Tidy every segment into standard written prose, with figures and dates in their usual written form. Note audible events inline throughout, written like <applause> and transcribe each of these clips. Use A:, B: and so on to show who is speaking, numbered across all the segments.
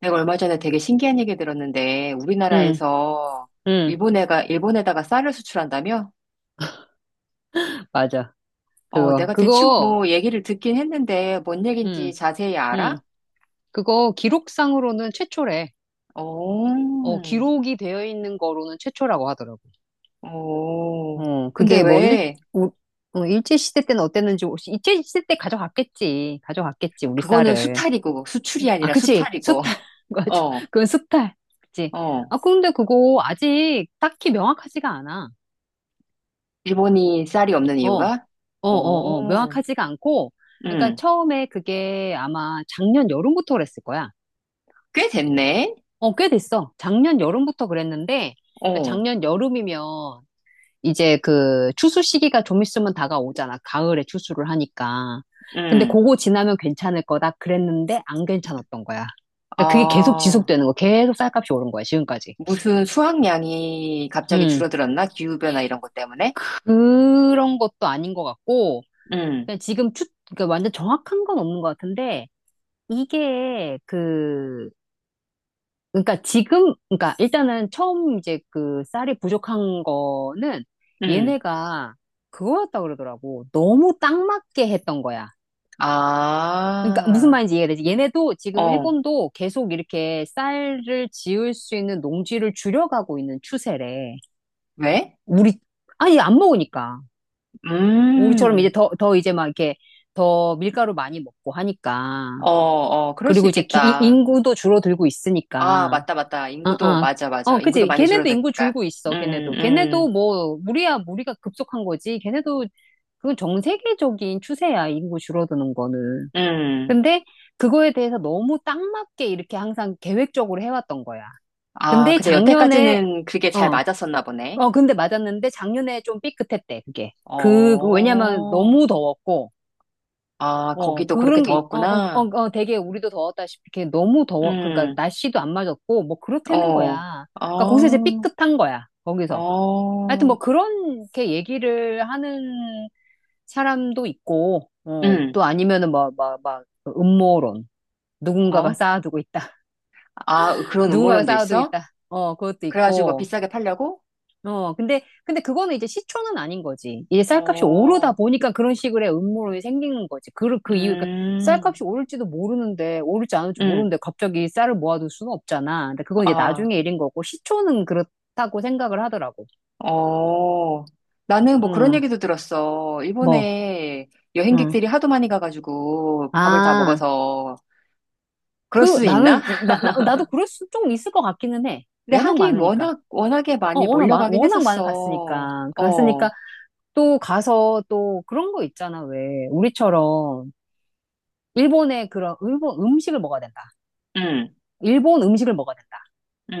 A: 내가 얼마 전에 되게 신기한 얘기 들었는데,
B: 응,
A: 우리나라에서
B: 응,
A: 일본에다가 쌀을 수출한다며?
B: 맞아.
A: 어,
B: 그거,
A: 내가 대충
B: 그거,
A: 뭐 얘기를 듣긴 했는데, 뭔
B: 응,
A: 얘기인지 자세히 알아?
B: 응. 그거 기록상으로는 최초래.
A: 오.
B: 어, 기록이 되어 있는 거로는 최초라고 하더라고.
A: 오.
B: 어,
A: 근데
B: 그게 뭐 일,
A: 왜,
B: 우- 어, 일제시대 때는 어땠는지, 혹시 일제시대 때 가져갔겠지. 가져갔겠지, 우리
A: 그거는
B: 쌀을.
A: 수탈이고, 수출이
B: 아,
A: 아니라
B: 그치.
A: 수탈이고,
B: 수탈.
A: <laughs>
B: <laughs> 맞아.
A: 어,
B: 그건 수탈. 그치.
A: 어.
B: 아, 근데 그거 아직 딱히 명확하지가 않아.
A: 일본이 쌀이 없는
B: 어, 어,
A: 이유가?
B: 어,
A: 오.
B: 어. 명확하지가 않고, 그러니까
A: 음,
B: 처음에 그게 아마 작년 여름부터 그랬을 거야.
A: 꽤 됐네?
B: 어, 꽤 됐어. 작년 여름부터 그랬는데, 그러니까
A: 어,
B: 작년 여름이면 이제 그 추수 시기가 좀 있으면 다가오잖아. 가을에 추수를 하니까. 근데
A: 음.
B: 그거 지나면 괜찮을 거다 그랬는데 안 괜찮았던 거야. 그러니까 그게 계속
A: 아.
B: 지속되는 거, 계속 쌀값이 오른 거야, 지금까지.
A: 무슨 수확량이 갑자기
B: 음,
A: 줄어들었나? 기후변화 이런 것 때문에?
B: 그런 것도 아닌 것 같고,
A: 응,
B: 그냥 지금 추, 그러니까 완전 정확한 건 없는 것 같은데, 이게 그 그러니까 지금, 그러니까 일단은 처음 이제 그 쌀이 부족한 거는
A: 응.
B: 얘네가 그거였다 그러더라고. 너무 딱 맞게 했던 거야. 그러니까 무슨
A: 아,
B: 말인지 이해되지? 얘네도 지금
A: 어,
B: 일본도 계속 이렇게 쌀을 지을 수 있는 농지를 줄여가고 있는 추세래.
A: 왜?
B: 우리, 아니, 안 먹으니까. 우리처럼 이제
A: 음,
B: 더, 더 이제 막 이렇게 더 밀가루 많이 먹고 하니까.
A: 어, 어, 그럴 수
B: 그리고 이제
A: 있겠다.
B: 인구도 줄어들고
A: 아,
B: 있으니까.
A: 맞다, 맞다.
B: 어,
A: 인구도,
B: 어.
A: 맞아,
B: 어,
A: 맞아. 인구도
B: 그치.
A: 많이
B: 걔네도 인구
A: 줄어드니까.
B: 줄고
A: 음,
B: 있어, 걔네도. 걔네도
A: 음,
B: 뭐, 우리야, 우리가 급속한 거지. 걔네도, 그건 전 세계적인 추세야, 인구 줄어드는 거는.
A: 음.
B: 근데 그거에 대해서 너무 딱 맞게 이렇게 항상 계획적으로 해왔던 거야.
A: 아,
B: 근데
A: 근데
B: 작년에,
A: 여태까지는 그게 잘
B: 어,
A: 맞았었나 보네.
B: 어, 근데 맞았는데 작년에 좀 삐끗했대, 그게. 그 왜냐면
A: 어,
B: 너무 더웠고,
A: 아,
B: 어,
A: 거기도 그렇게
B: 그런 게, 어, 어, 어,
A: 더웠구나.
B: 어, 되게 우리도 더웠다시피 이렇게 너무 더워. 그러니까
A: 음,
B: 날씨도 안 맞았고, 뭐 그렇다는
A: 어,
B: 거야. 그러니까 거기서 이제
A: 어,
B: 삐끗한 거야. 거기서. 하여튼 뭐
A: 어,
B: 그렇게 얘기를 하는 사람도 있고, 어,
A: 음.
B: 또 아니면은 뭐, 막, 막, 음모론. 누군가가
A: 어?
B: 쌓아두고 있다.
A: 아,
B: <laughs>
A: 그런
B: 누군가가
A: 음모론도
B: 쌓아두고
A: 있어?
B: 있다. 어, 그것도
A: 그래가지고 뭐
B: 있고.
A: 비싸게 팔려고?
B: 어, 근데 그거는 이제 시초는 아닌 거지. 이제 쌀값이 오르다
A: 어,
B: 보니까 그런 식의 음모론이 생기는 거지. 그 이유, 그러니까
A: 음,
B: 쌀값이 오를지도 모르는데, 오를지 모르는데,
A: 음,
B: 갑자기 쌀을 모아둘 수는 없잖아. 근데 그건 이제
A: 아,
B: 나중에 일인 거고, 시초는 그렇다고 생각을 하더라고.
A: 어. 나는 뭐 그런
B: 응,
A: 얘기도 들었어.
B: 뭐,
A: 일본에
B: 응.
A: 여행객들이 하도 많이 가가지고 밥을 다
B: 아,
A: 먹어서 그럴 수 있나? <laughs>
B: 나도 그럴 수 좀 있을 것 같기는 해.
A: 근데
B: 워낙
A: 하긴
B: 많으니까.
A: 워낙에
B: 어,
A: 많이
B: 워낙 많,
A: 몰려가긴
B: 워낙 많이
A: 했었어.
B: 갔으니까.
A: 어,
B: 갔으니까 또 가서 또 그런 거 있잖아, 왜. 우리처럼. 일본의 그런 일본 음식을 먹어야 된다.
A: 음,
B: 일본 음식을 먹어야 된다.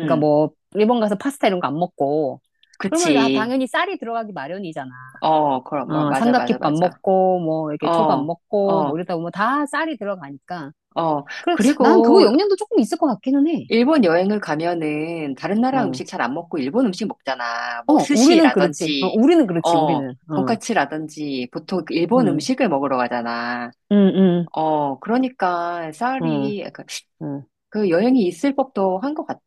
B: 그러니까 뭐 일본 가서 파스타 이런 거 안 먹고 그러면 아,
A: 그치.
B: 당연히 쌀이 들어가기 마련이잖아.
A: 어, 그럼, 뭐,
B: 어,
A: 맞아, 맞아,
B: 삼각김밥
A: 맞아.
B: 먹고 뭐 이렇게 초밥
A: 어,
B: 먹고 뭐
A: 어,
B: 이러다 보면 다 쌀이 들어가니까.
A: 어.
B: 그래 난 그거
A: 그리고
B: 영향도 조금 있을 것 같기는 해.
A: 일본 여행을 가면은 다른 나라 음식
B: 어.
A: 잘 안 먹고 일본 음식 먹잖아. 뭐
B: 어, 우리는 그렇지. 어,
A: 스시라든지,
B: 우리는 그렇지.
A: 어,
B: 우리는. 어.
A: 돈까츠라든지 보통 그 일본
B: 음.
A: 음식을 먹으러 가잖아.
B: 음,
A: 어, 그러니까
B: 어.
A: 쌀이 약간
B: 어.
A: 그 여행이 있을 법도 한 것 같아.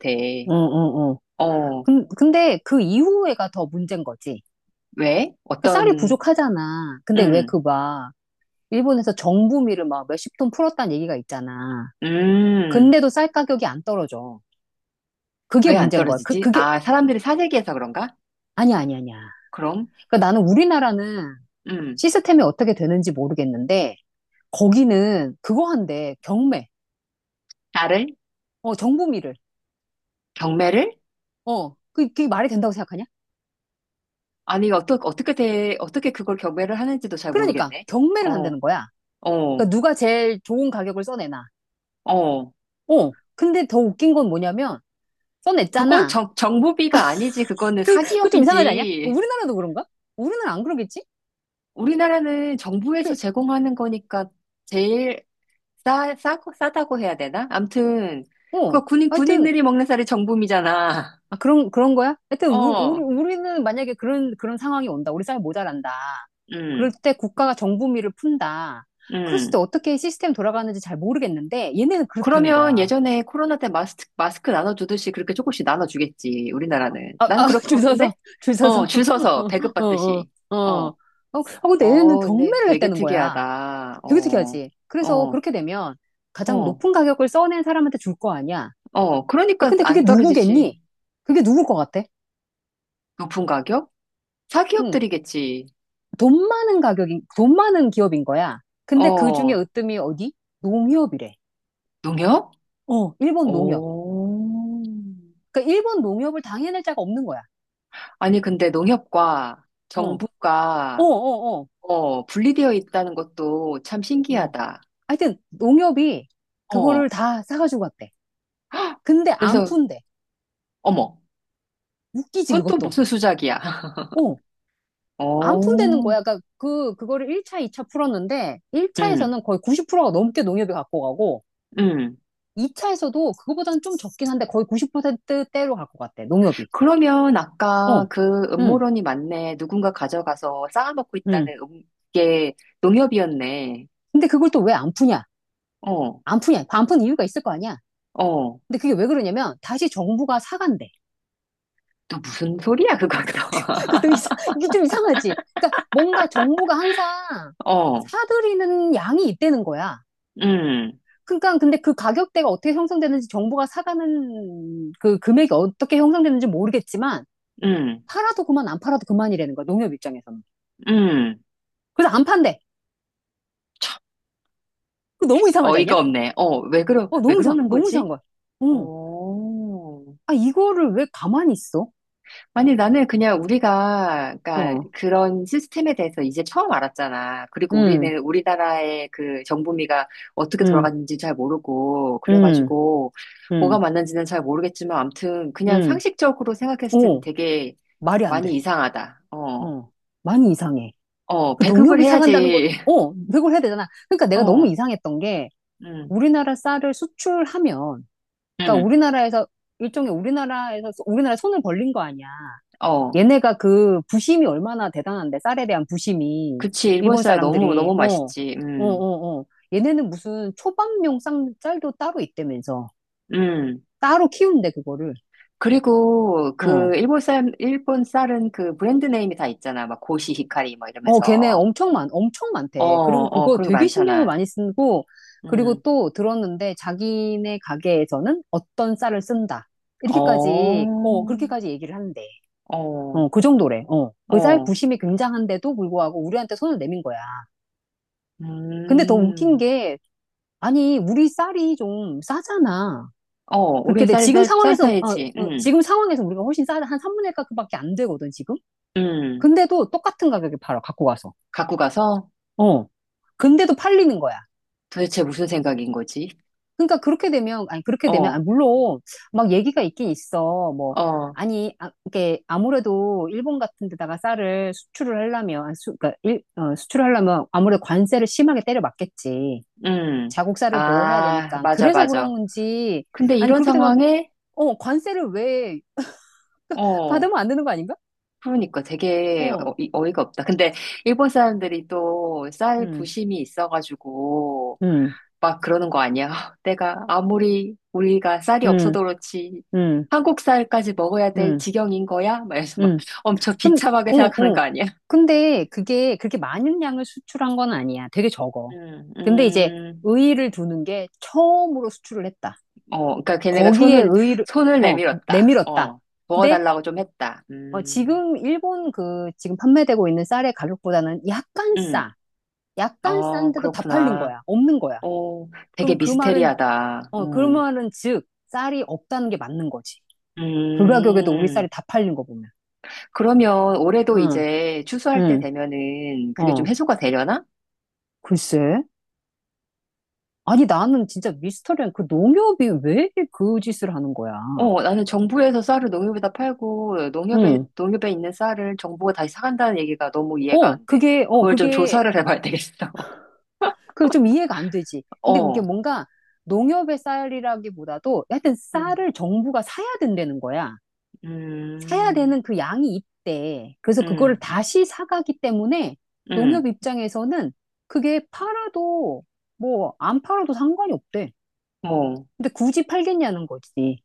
B: 어, 어, 어.
A: 어,
B: 근데 그 이후에가 더 문제인 거지.
A: 왜?
B: 그러니까 쌀이
A: 어떤,
B: 부족하잖아. 근데 왜
A: 음,
B: 그막 일본에서 정부미를 막 몇십 톤 풀었다는 얘기가 있잖아.
A: 음,
B: 근데도 쌀 가격이 안 떨어져. 그게
A: 왜 안
B: 문제인 거야. 그,
A: 떨어지지?
B: 그게,
A: 아, 사람들이 사재기해서 그런가?
B: 아니야, 아니야, 아니야.
A: 그럼,
B: 그러니까 나는 우리나라는
A: 음,
B: 시스템이 어떻게 되는지 모르겠는데, 거기는 그거 한대, 경매.
A: 쌀을?
B: 어, 정부미를.
A: 경매를?
B: 어, 그게 말이 된다고 생각하냐?
A: 아니, 어떻게, 어떻게 돼, 어떻게 그걸 경매를 하는지도 잘
B: 그러니까,
A: 모르겠네.
B: 경매를
A: 어.
B: 한다는 거야.
A: 어,
B: 그러니까 누가 제일 좋은 가격을 써내나.
A: 어,
B: 어, 근데 더 웃긴 건 뭐냐면,
A: 그건
B: 써냈잖아.
A: 정부비가 아니지. 그거는
B: 그 좀 이상하지 않냐?
A: 사기업이지.
B: 우리나라도 그런가? 우리나라 안 그러겠지?
A: 우리나라는 정부에서
B: 그,
A: 제공하는 거니까 제일 싸다고 해야 되나? 암튼,
B: 어,
A: 그거
B: 하여튼,
A: 군인들이 먹는 살이 정부미잖아.
B: 아, 그런, 그런 거야? 하여튼,
A: <laughs>
B: 우리,
A: 어,
B: 우리는 만약에 그런, 그런 상황이 온다. 우리 쌀 모자란다. 그럴
A: 음,
B: 때 국가가 정부미를 푼다. 그랬을 때
A: 음.
B: 어떻게 시스템 돌아가는지 잘 모르겠는데, 얘네는 그렇다는 거야.
A: 그러면 예전에 코로나 때 마스크 나눠주듯이 그렇게 조금씩 나눠주겠지, 우리나라는.
B: 아, 아,
A: 나는 그럴 것
B: <laughs> 줄
A: 같은데?
B: 서서, 줄
A: 어,
B: 서서.
A: 줄 서서
B: <laughs> 어, 어,
A: 배급받듯이.
B: 어. 어,
A: 어,
B: 어, 근데 얘네는
A: 어, 근데
B: 경매를
A: 되게
B: 했다는 거야.
A: 특이하다.
B: 되게
A: 어,
B: 특이하지? 그래서
A: 어,
B: 그렇게 되면 가장
A: 어.
B: 높은 가격을 써낸 사람한테 줄 거 아니야?
A: 어,
B: 야,
A: 그러니까
B: 근데 그게
A: 안 떨어지지.
B: 누구겠니? 그게 누굴 것 같아?
A: 높은 가격?
B: 응.
A: 사기업들이겠지.
B: 돈 많은 가격인, 돈 많은 기업인 거야. 근데 그 중에
A: 어,
B: 으뜸이 어디? 농협이래.
A: 농협?
B: 어, 일본 농협.
A: 오.
B: 그러니까 일본 농협을 당해낼 자가 없는 거야.
A: 아니, 근데 농협과
B: 어, 어,
A: 정부가,
B: 어, 어.
A: 어, 분리되어 있다는 것도 참
B: 음.
A: 신기하다.
B: 하여튼 농협이 그거를
A: 어,
B: 다 사가지고 갔대. 근데 안
A: 그래서,
B: 푼대.
A: 어머,
B: 웃기지,
A: 그건 또
B: 그것도.
A: 무슨 수작이야. <laughs>
B: 어, 안 푼대는
A: 오,
B: 거야. 그러니까 그거를 1차, 2차 풀었는데
A: 응,
B: 1차에서는 거의 90%가 넘게 농협이 갖고 가고
A: 응,
B: 2차에서도 그거보다는 좀 적긴 한데 거의 90%대로 갖고 갔대. 농협이.
A: 그러면
B: 어,
A: 아까 그
B: 응,
A: 음모론이 맞네. 누군가 가져가서 쌓아먹고
B: 응.
A: 있다는 게 농협이었네.
B: 근데 그걸 또 왜 안 푸냐?
A: 어,
B: 안 푸냐? 안 푸는 이유가 있을 거 아니야?
A: 어.
B: 근데 그게 왜 그러냐면 다시 정부가 사간대.
A: 또 무슨 소리야, 그것도.
B: <laughs> 그것도 이상, 이게 좀 이상하지? 그러니까 뭔가 정부가 항상
A: <laughs> 어,
B: 사들이는 양이 있다는 거야.
A: 음,
B: 그러니까 근데 그 가격대가 어떻게 형성되는지 정부가 사가는 그 금액이 어떻게 형성되는지 모르겠지만
A: 음,
B: 팔아도 그만 안 팔아도 그만이라는 거야. 농협 입장에서는.
A: 음.
B: 그래서 안 판대.
A: 참,
B: 그 너무 이상하지 않냐?
A: 어이가 없네. 어,
B: 어,
A: 왜
B: 너무 이상,
A: 그러는
B: 너무 이상한
A: 거지?
B: 거야. 어,
A: 어.
B: 아, 이거를 왜 가만히 있어?
A: 아니, 나는 그냥 우리가, 그러니까
B: 어,
A: 그런 시스템에 대해서 이제 처음 알았잖아. 그리고
B: 음,
A: 우리는 우리나라의 그 정부미가 어떻게
B: 음,
A: 돌아가는지 잘 모르고,
B: 음,
A: 그래가지고, 뭐가
B: 음.
A: 맞는지는 잘 모르겠지만, 암튼, 그냥
B: 응,
A: 상식적으로 생각했을 때는
B: 어,
A: 되게
B: 말이 안
A: 많이
B: 돼.
A: 이상하다. 어,
B: 어, 많이 이상해.
A: 어,
B: 그
A: 배급을
B: 농협이 상한다는 것,
A: 해야지.
B: 어, 회고를 해야 되잖아. 그러니까
A: <laughs>
B: 내가 너무
A: 어,
B: 이상했던 게
A: 음.
B: 우리나라 쌀을 수출하면, 그러니까
A: 응,
B: 우리나라에서 일종의 우리나라에서 우리나라 손을 벌린 거 아니야.
A: 어,
B: 얘네가 그 부심이 얼마나 대단한데 쌀에 대한 부심이
A: 그치, 일본
B: 일본
A: 쌀 너무,
B: 사람들이
A: 너무
B: 어, 어,
A: 맛있지,
B: 어, 어. 얘네는 무슨 초밥용 쌀도 따로 있다면서
A: 음.
B: 따로 키운대 그거를.
A: 그리고
B: 어.
A: 그 일본 쌀, 일본 쌀은 그 브랜드 네임이 다 있잖아. 막 고시, 히카리, 막
B: 어, 걔네
A: 이러면서.
B: 엄청 많, 엄청
A: 어,
B: 많대. 그리고
A: 어,
B: 그거
A: 그런 거
B: 되게 신경을
A: 많잖아.
B: 많이 쓰고, 그리고
A: 음,
B: 또 들었는데 자기네 가게에서는 어떤 쌀을 쓴다.
A: 어,
B: 이렇게까지, 어,
A: 어,
B: 그렇게까지 얘기를 하는데. 어, 그 정도래. 어, 그 쌀
A: 어,
B: 부심이 굉장한데도 불구하고 우리한테 손을 내민 거야. 근데 더 웃긴
A: 음,
B: 게, 아니, 우리 쌀이 좀 싸잖아.
A: 어,
B: 그렇게
A: 우린
B: 돼.
A: 쌀이
B: 지금
A: 쌀, 싼
B: 상황에서, 어,
A: 편이지,
B: 어, 지금 상황에서 우리가 훨씬 싸다. 한 3분의 1 값밖에 안 되거든, 지금.
A: 음.
B: 근데도 똑같은 가격에 팔아, 갖고 가서.
A: 갖고 가서
B: 어. 근데도 팔리는 거야.
A: 도대체 무슨 생각인 거지?
B: 그러니까 그렇게 되면, 아니, 그렇게 되면, 아,
A: 어,
B: 물론, 막 얘기가 있긴 있어. 뭐,
A: 어,
B: 아니, 아, 이게 아무래도 일본 같은 데다가 쌀을 수출을 하려면, 아니, 수, 그러니까 일, 어, 수출을 하려면 아무래도 관세를 심하게 때려 맞겠지.
A: 음.
B: 자국 쌀을 보호해야
A: 아,
B: 되니까.
A: 맞아,
B: 그래서 그런
A: 맞아.
B: 건지,
A: 근데
B: 아니,
A: 이런
B: 그렇게 되면,
A: 상황에
B: 어, 관세를 왜
A: 어,
B: 받으면 안 되는 거 아닌가?
A: 그러니까 되게
B: 어,
A: 어이가 없다. 근데 일본 사람들이 또 쌀
B: 음,
A: 부심이 있어가지고
B: 음,
A: 막 그러는 거 아니야? <laughs> 내가 아무리 우리가 쌀이
B: 음,
A: 없어도 그렇지
B: 음,
A: 한국 쌀까지 먹어야 될
B: 음,
A: 지경인 거야? 막 이래서 막
B: 음.
A: <laughs> 엄청
B: 근,
A: 비참하게
B: 응,
A: 생각하는
B: 응.
A: 거 아니야?
B: 근데 그게 그렇게 많은 양을 수출한 건 아니야. 되게 적어.
A: 음,
B: 근데 이제
A: 음,
B: 의의를 두는 게 처음으로 수출을 했다.
A: 어, 그러니까 걔네가
B: 거기에
A: 손을
B: 의의를,
A: 손을
B: 어,
A: 내밀었다.
B: 내밀었다.
A: 어,
B: 근데
A: 먹어달라고 좀 했다.
B: 어, 지금 일본 그 지금 판매되고 있는 쌀의 가격보다는 약간
A: 음,
B: 싸. 약간
A: 어,
B: 싼데도 다 팔린
A: 그렇구나.
B: 거야. 없는 거야.
A: 어, 되게
B: 그럼 그 말은,
A: 미스테리하다.
B: 어, 그
A: 음.
B: 말은 즉, 쌀이 없다는 게 맞는 거지. 그 가격에도 우리 쌀이
A: 음.
B: 다 팔린 거 보면.
A: 그러면 올해도
B: 응,
A: 이제 추수할 때
B: 응,
A: 되면은 그게 좀
B: 어,
A: 해소가 되려나?
B: 글쎄. 아니, 나는 진짜 미스터리한 그 농협이 왜 그 짓을 하는 거야.
A: 어, 나는 정부에서 쌀을 농협에다 팔고
B: 응,
A: 농협에 있는 쌀을 정부가 다시 사간다는 얘기가 너무 이해가
B: 어,
A: 안 돼. 그걸 좀
B: 그게,
A: 조사를 해봐야 되겠어.
B: 그 좀 이해가 안 되지.
A: <laughs>
B: 근데 그게
A: 어,
B: 뭔가 농협의 쌀이라기보다도 하여튼
A: 음,
B: 쌀을 정부가 사야 된다는 거야. 사야
A: 음,
B: 되는 그 양이 있대. 그래서 그거를
A: 음,
B: 다시 사가기 때문에
A: 음,
B: 농협 입장에서는 그게 팔아도 뭐 안 팔아도 상관이 없대.
A: 어,
B: 근데 굳이 팔겠냐는 거지.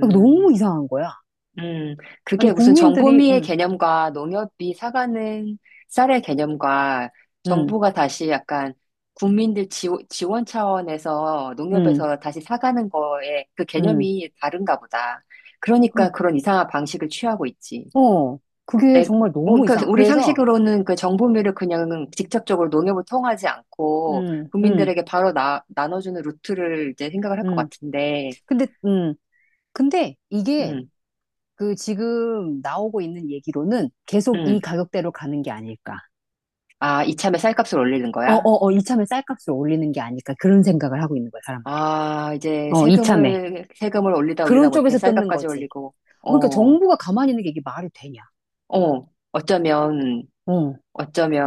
B: 너무 이상한 거야.
A: 음,
B: 아니,
A: 그게 무슨
B: 국민들이,
A: 정보미의
B: 응,
A: 개념과 농협이 사가는 쌀의 개념과
B: 응,
A: 정부가 다시 약간 국민들 지원, 지원 차원에서
B: 응,
A: 농협에서 다시 사가는 거에 그
B: 응.
A: 개념이 다른가 보다.
B: 그-
A: 그러니까 그런 이상한 방식을 취하고 있지.
B: 어, 그게
A: 내,
B: 정말
A: 뭐,
B: 너무
A: 그러니까
B: 이상.
A: 우리
B: 그래서,
A: 상식으로는 그 정보미를 그냥 직접적으로 농협을 통하지 않고
B: 음, 음,
A: 국민들에게 바로 나눠주는 루트를 이제 생각을 할 것
B: 음.
A: 같은데,
B: 근데, 근데 이게
A: 음,
B: 그 지금 나오고 있는 얘기로는 계속 이
A: 음.
B: 가격대로 가는 게 아닐까.
A: 아, 이참에 쌀값을 올리는
B: 어,
A: 거야?
B: 어, 어, 이참에 쌀값을 올리는 게 아닐까. 그런 생각을 하고 있는 거야, 사람들이.
A: 아, 이제
B: 어, 이참에.
A: 세금을 올리다
B: 그런
A: 올리다 못해
B: 쪽에서 뜯는
A: 쌀값까지
B: 거지.
A: 올리고,
B: 그러니까
A: 어,
B: 정부가 가만히 있는 게 이게 말이 되냐.
A: 어, 어쩌면,
B: 어,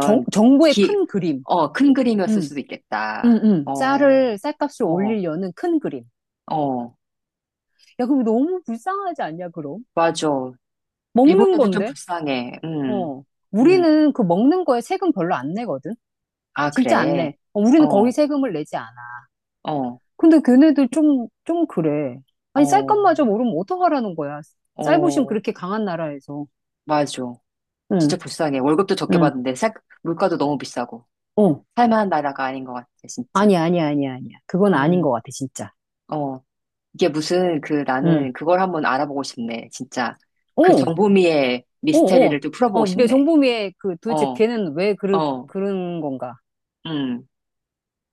B: 정부의
A: 기,
B: 큰 그림.
A: 어, 큰 그림이었을
B: 음,
A: 수도 있겠다. 어,
B: 쌀을, 쌀값을
A: 어,
B: 올리려는 큰 그림.
A: 어,
B: 야, 그럼 너무 불쌍하지 않냐, 그럼?
A: 맞아. 일본
B: 먹는
A: 애들 좀
B: 건데?
A: 불쌍해.
B: 어.
A: 음,
B: 우리는 그 먹는 거에 세금 별로 안 내거든?
A: 아,
B: 진짜 안
A: 그래.
B: 내. 어, 우리는 거의
A: 어,
B: 세금을 내지 않아.
A: 어,
B: 근데 걔네들 좀, 좀 그래. 아니,
A: 어,
B: 쌀값마저 모르면 어떡하라는 거야. 쌀부심
A: 어,
B: 그렇게 강한 나라에서.
A: 맞아.
B: 응,
A: 진짜 불쌍해. 월급도 적게
B: 응,
A: 받는데, 쌀, 물가도 너무 비싸고.
B: 어.
A: 살만한 나라가 아닌 것 같아, 진짜.
B: 아니야, 아니야, 아니야, 아니야. 그건 아닌 것
A: 음,
B: 같아, 진짜.
A: 어. 이게 무슨 그
B: 응.
A: 나는 그걸 한번 알아보고 싶네. 진짜
B: 어,
A: 그
B: 어,
A: 정보미의
B: 어.
A: 미스테리를 좀 풀어보고
B: 어,
A: 싶네.
B: 정보미에 그 도대체
A: 어,
B: 걔는 왜
A: 어,
B: 그런 건가?
A: 음.